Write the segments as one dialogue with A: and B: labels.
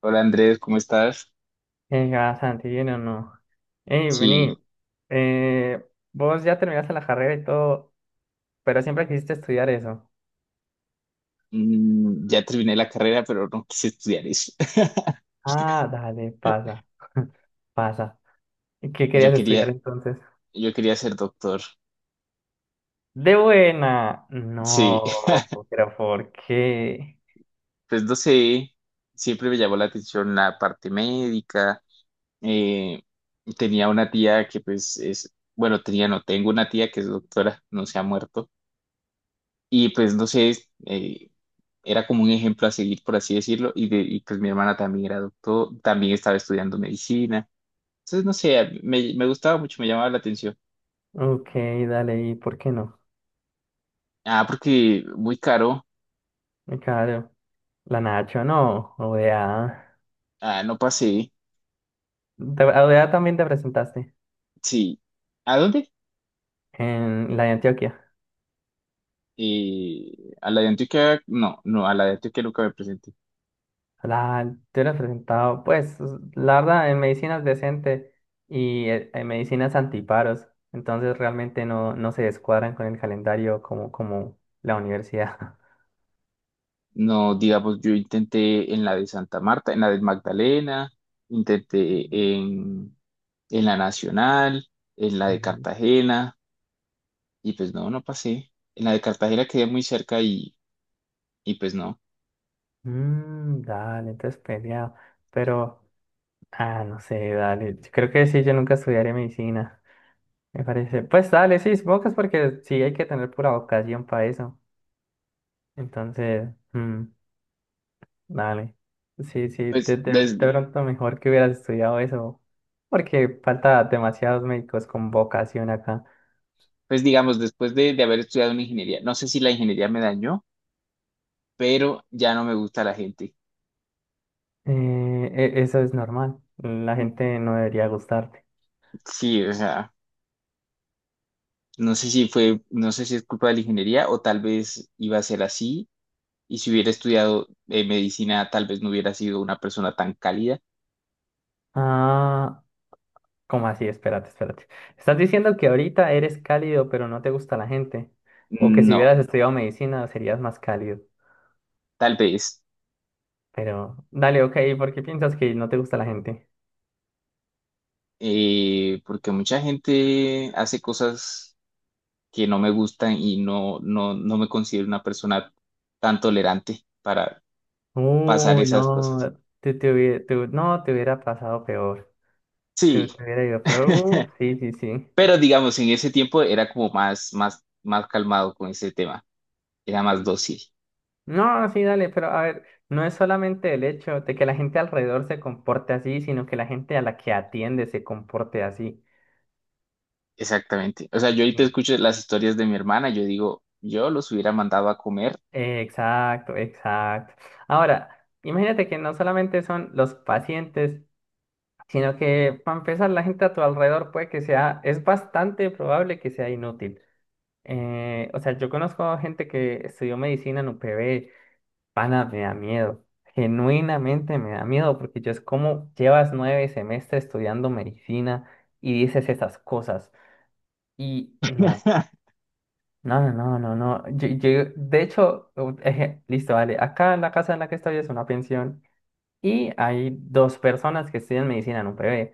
A: Hola Andrés, ¿cómo estás?
B: Bastante bien o no. Ey,
A: Sí,
B: vení, eh, vos ya terminaste la carrera y todo, pero siempre quisiste estudiar eso.
A: ya terminé la carrera, pero no quise estudiar eso.
B: Ah, dale, pasa. ¿Y qué
A: Yo
B: querías
A: quería,
B: estudiar entonces?
A: yo quería ser doctor.
B: De buena.
A: Sí,
B: No, pero ¿por qué?
A: pues no sé, siempre me llamó la atención la parte médica. Eh, tenía una tía que pues es, bueno, tenía, no, tengo una tía que es doctora, no se ha muerto. Y pues no sé, era como un ejemplo a seguir, por así decirlo. Y pues mi hermana también era doctor, también estaba estudiando medicina. Entonces, no sé, me gustaba mucho, me llamaba la atención.
B: Ok, dale, ¿y por qué no?
A: Ah, porque muy caro.
B: Claro, la Nacho no, ODA.
A: Ah, no pasé.
B: A ODA también te presentaste
A: Sí. ¿A dónde?
B: en la de Antioquia.
A: A la de Antioquia. No, no, a la de Antioquia nunca me presenté.
B: La, yo la he presentado, pues, la verdad, en medicina es decente y en medicinas antiparos, entonces realmente no se descuadran con el calendario como, como la universidad.
A: No, digamos, yo intenté en la de Santa Marta, en la de Magdalena, intenté en, en la Nacional, en la de
B: Ujú.
A: Cartagena, y pues no, no pasé. En la de Cartagena quedé muy cerca y pues no.
B: Mm, dale, entonces peleado, pero, ah, no sé, dale, yo creo que sí, yo nunca estudiaré medicina, me parece. Pues dale, sí, supongo que es porque sí hay que tener pura vocación para eso, entonces, Dale. Sí, sí,
A: Pues,
B: de
A: desde,
B: pronto mejor que hubieras estudiado eso, porque falta demasiados médicos con vocación acá.
A: pues digamos, después de haber estudiado una ingeniería, no sé si la ingeniería me dañó, pero ya no me gusta la gente.
B: Eso es normal, la gente no debería gustarte.
A: Sí, o sea, no sé si fue, no sé si es culpa de la ingeniería o tal vez iba a ser así y si hubiera estudiado medicina tal vez no hubiera sido una persona tan cálida.
B: Ah, ¿cómo así? Espérate, espérate. ¿Estás diciendo que ahorita eres cálido, pero no te gusta la gente? O que si
A: No,
B: hubieras estudiado medicina serías más cálido.
A: tal vez,
B: Pero, dale, ok, ¿por qué piensas que no te gusta la gente?
A: porque mucha gente hace cosas que no me gustan y no me considero una persona tan tolerante para pasar
B: Uy,
A: esas cosas.
B: no, te hubie- te hu- no, te hubiera pasado peor. Te,
A: Sí,
B: te hubiera ido peor. Sí, sí, sí.
A: pero digamos, en ese tiempo era como más calmado con ese tema, era más dócil.
B: No, sí, dale, pero a ver, no es solamente el hecho de que la gente alrededor se comporte así, sino que la gente a la que atiende se comporte así.
A: Exactamente. O sea, yo ahorita
B: Mm.
A: escucho las historias de mi hermana, yo digo, yo los hubiera mandado a comer.
B: Exacto, exacto. Ahora, imagínate que no solamente son los pacientes, sino que para empezar, la gente a tu alrededor puede que sea, es bastante probable que sea inútil. O sea, yo conozco gente que estudió medicina en UPB. Pana, me da miedo. Genuinamente me da miedo porque yo es como llevas 9 semestres estudiando medicina y dices esas cosas. Y no, no, no, no, no. Yo, de hecho, listo, vale. Acá en la casa en la que estoy es una pensión y hay dos personas que estudian medicina en un PB.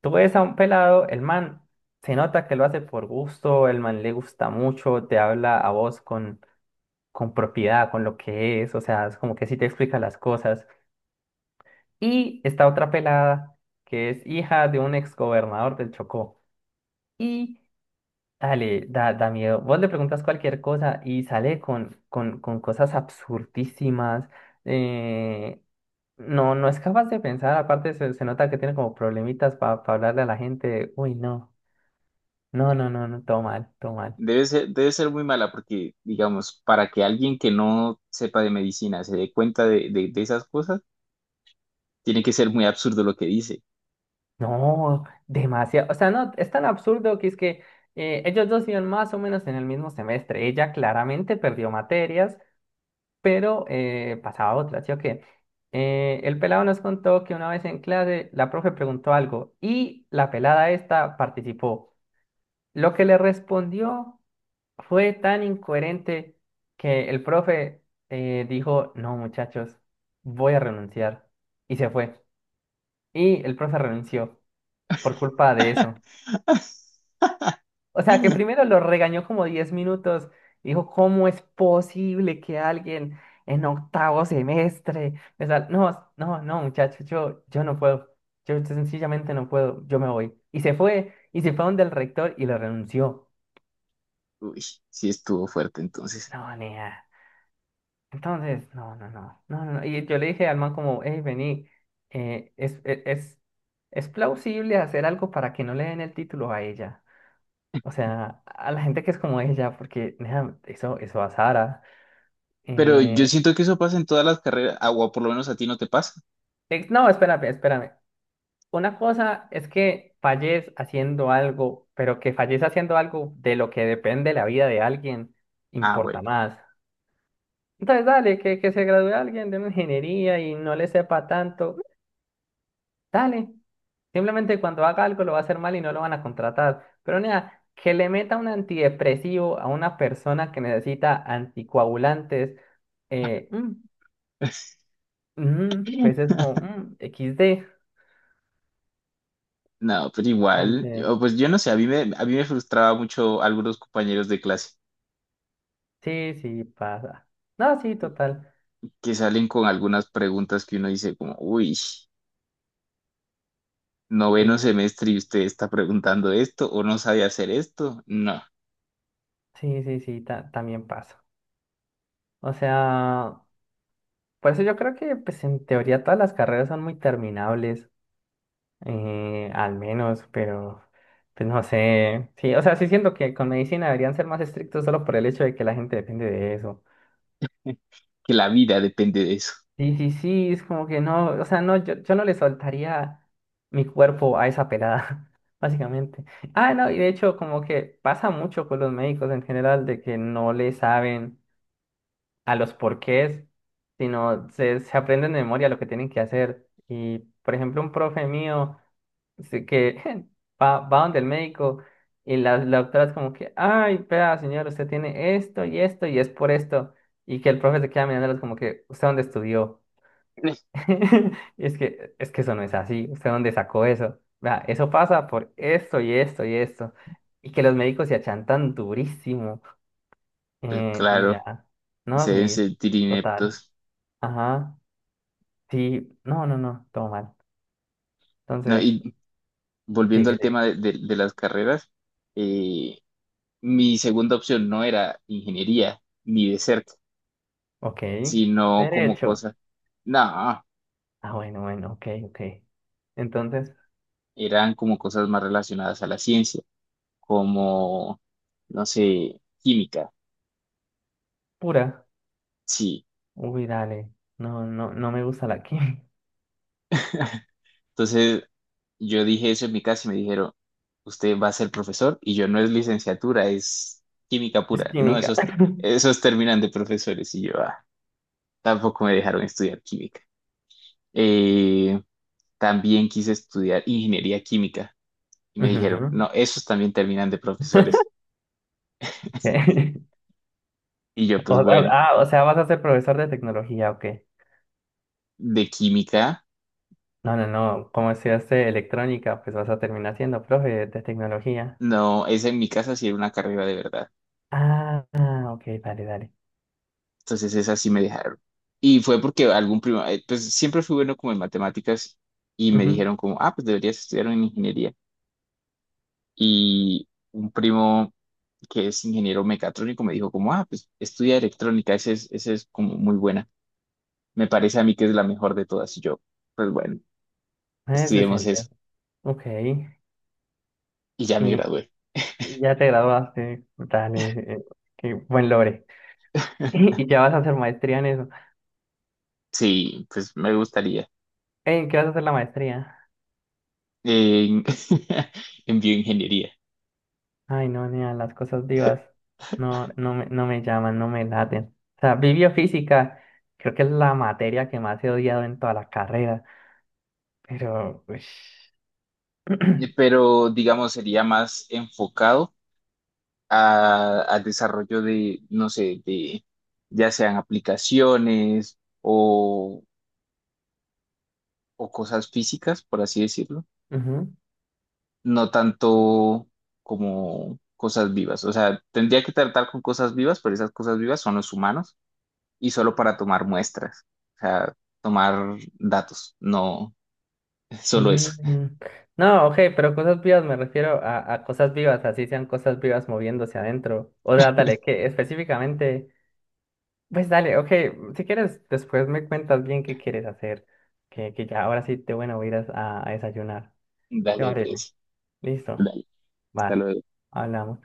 B: Tú ves a un pelado, el man se nota que lo hace por gusto, el man le gusta mucho, te habla a vos con propiedad, con lo que es, o sea, es como que sí te explica las cosas. Y esta otra pelada, que es hija de un exgobernador del Chocó. Y dale, da miedo. Vos le preguntas cualquier cosa y sale con cosas absurdísimas. eh, no, no es capaz de pensar. Aparte, se nota que tiene como problemitas para hablarle a la gente. Uy, no. No, no, no, no, todo mal, todo mal.
A: Debe ser muy mala porque, digamos, para que alguien que no sepa de medicina se dé cuenta de esas cosas, tiene que ser muy absurdo lo que dice.
B: No, demasiado. O sea, no, es tan absurdo que es que ellos dos iban más o menos en el mismo semestre. Ella claramente perdió materias. Pero pasaba otra, ¿sí o qué? El pelado nos contó que una vez en clase la profe preguntó algo y la pelada esta participó. Lo que le respondió fue tan incoherente que el profe dijo, no muchachos, voy a renunciar. Y se fue. Y el profe renunció por culpa de eso. O sea, que primero lo regañó como 10 minutos. Dijo, ¿cómo es posible que alguien en octavo semestre? No, no, no, muchacho, yo no puedo. Yo sencillamente no puedo. Yo me voy. Y se fue. Y se fue donde el rector y lo renunció.
A: Uy, sí estuvo fuerte entonces.
B: No, nea. Entonces, no, no, no, no, no. Y yo le dije al man como, hey, vení, eh, es, es, es es plausible hacer algo para que no le den el título a ella. O sea, a la gente que es como ella, porque nea, eso a Sara.
A: Pero yo
B: Eh,
A: siento que eso pasa en todas las carreras, ah, o por lo menos a ti no te pasa.
B: no, espérame, espérame. Una cosa es que falles haciendo algo, pero que falles haciendo algo de lo que depende la vida de alguien,
A: Ah,
B: importa
A: bueno.
B: más. Entonces, dale, que se gradúe alguien de una ingeniería y no le sepa tanto, dale. Simplemente cuando haga algo lo va a hacer mal y no lo van a contratar. Pero nada, que le meta un antidepresivo a una persona que necesita anticoagulantes, eh, mm, pues es como XD.
A: No, pero igual,
B: Entonces,
A: yo- pues yo no sé, a mí me frustraba mucho algunos compañeros de clase
B: sí, sí, pasa. No, sí, total.
A: que salen con algunas preguntas que uno dice como, uy. Noveno
B: Sí,
A: semestre y usted está preguntando esto o no sabe hacer esto. No,
B: sí, sí, también pasa. O sea, por eso yo creo que, pues, en teoría todas las carreras son muy terminables, al menos, pero, pues, no sé. Sí, o sea, sí siento que con medicina deberían ser más estrictos solo por el hecho de que la gente depende de eso.
A: que la vida depende de eso.
B: Sí, sí, sí, es como que no, o sea, no, yo no le soltaría mi cuerpo a esa pelada, básicamente. Ah, no, y de hecho, como que pasa mucho con los médicos en general de que no le saben a los porqués, sino se aprenden de memoria lo que tienen que hacer. Y, por ejemplo, un profe mío que va donde el médico y la doctora es como que, ay, vea, señor, usted tiene esto y esto y es por esto. Y que el profe se queda mirándolos como que, ¿usted dónde estudió? Y es que, es que eso no es así. ¿Usted dónde sacó eso? Vea, eso pasa por esto y esto y esto. Y que los médicos se achantan durísimo.
A: Pues
B: Y
A: claro,
B: ya. No,
A: se deben
B: sí,
A: sentir
B: total.
A: ineptos.
B: Ajá. Sí, no, no, no, todo mal.
A: No,
B: Entonces,
A: y volviendo
B: sigue,
A: al
B: sigue.
A: tema de las carreras, eh, mi segunda opción no era ingeniería, ni de cerca,
B: Ok.
A: sino como
B: Derecho.
A: cosas, no,
B: Ah, bueno, bueno, ok, ok. Entonces,
A: eran como cosas más relacionadas a la ciencia, como, no sé, química.
B: pura.
A: Sí,
B: Uy, dale. No, no, no me gusta la química.
A: entonces yo dije eso en mi casa y me dijeron, usted va a ser profesor y yo no es licenciatura, es química
B: Es
A: pura. No,
B: química.
A: esos, esos terminan de profesores y yo ah, tampoco me dejaron estudiar química. Eh, también quise estudiar ingeniería química y me dijeron,
B: Ujú.
A: no, esos también terminan de profesores.
B: Ok.
A: Y yo pues bueno,
B: O sea, ¿vas a ser profesor de tecnología, o qué?
A: de química,
B: No, no, no, como estudiaste electrónica, pues vas a terminar siendo profe de tecnología.
A: no, esa en mi casa sí era una carrera de verdad.
B: Ah, ah, ok, dale, dale.
A: Entonces esas sí me dejaron. Y fue porque algún primo, pues siempre fui bueno como en matemáticas y me
B: Ujú,
A: dijeron como, ah, pues deberías estudiar en ingeniería. Y un primo que es ingeniero mecatrónico me dijo como, ah, pues estudia electrónica, esa es como muy buena. Me parece a mí que es la mejor de todas. Y yo, pues bueno,
B: es
A: estudiemos
B: decente,
A: eso.
B: ok.
A: Y ya me
B: Y,
A: gradué.
B: y ya te graduaste, dale, eh, qué buen logre. Y, ya vas a hacer maestría en eso.
A: Sí, pues me gustaría.
B: Ey, ¿en ¿qué vas a hacer la maestría?
A: En, en bioingeniería.
B: Ay, no, nea, las cosas divas no, no me llaman, no me laten. O sea, bibliofísica, creo que es la materia que más he odiado en toda la carrera. Pero, pues...
A: Pero digamos, sería más enfocado a- al desarrollo de, no sé, de ya sean aplicaciones o cosas físicas, por así decirlo,
B: ujú,
A: no tanto como cosas vivas. O sea, tendría que tratar con cosas vivas, pero esas cosas vivas son los humanos y solo para tomar muestras, o sea, tomar datos, no solo eso.
B: mm, No, ok, pero cosas vivas me refiero a cosas vivas, así sean cosas vivas moviéndose adentro. O sea, dale, que específicamente, pues dale, ok, si quieres, después me cuentas bien qué quieres hacer, que ya ahora sí te bueno, voy a ir a desayunar. ¿Te
A: Dale,
B: parece?
A: Andrés.
B: Listo,
A: Dale, hasta
B: va,
A: luego.
B: hablamos.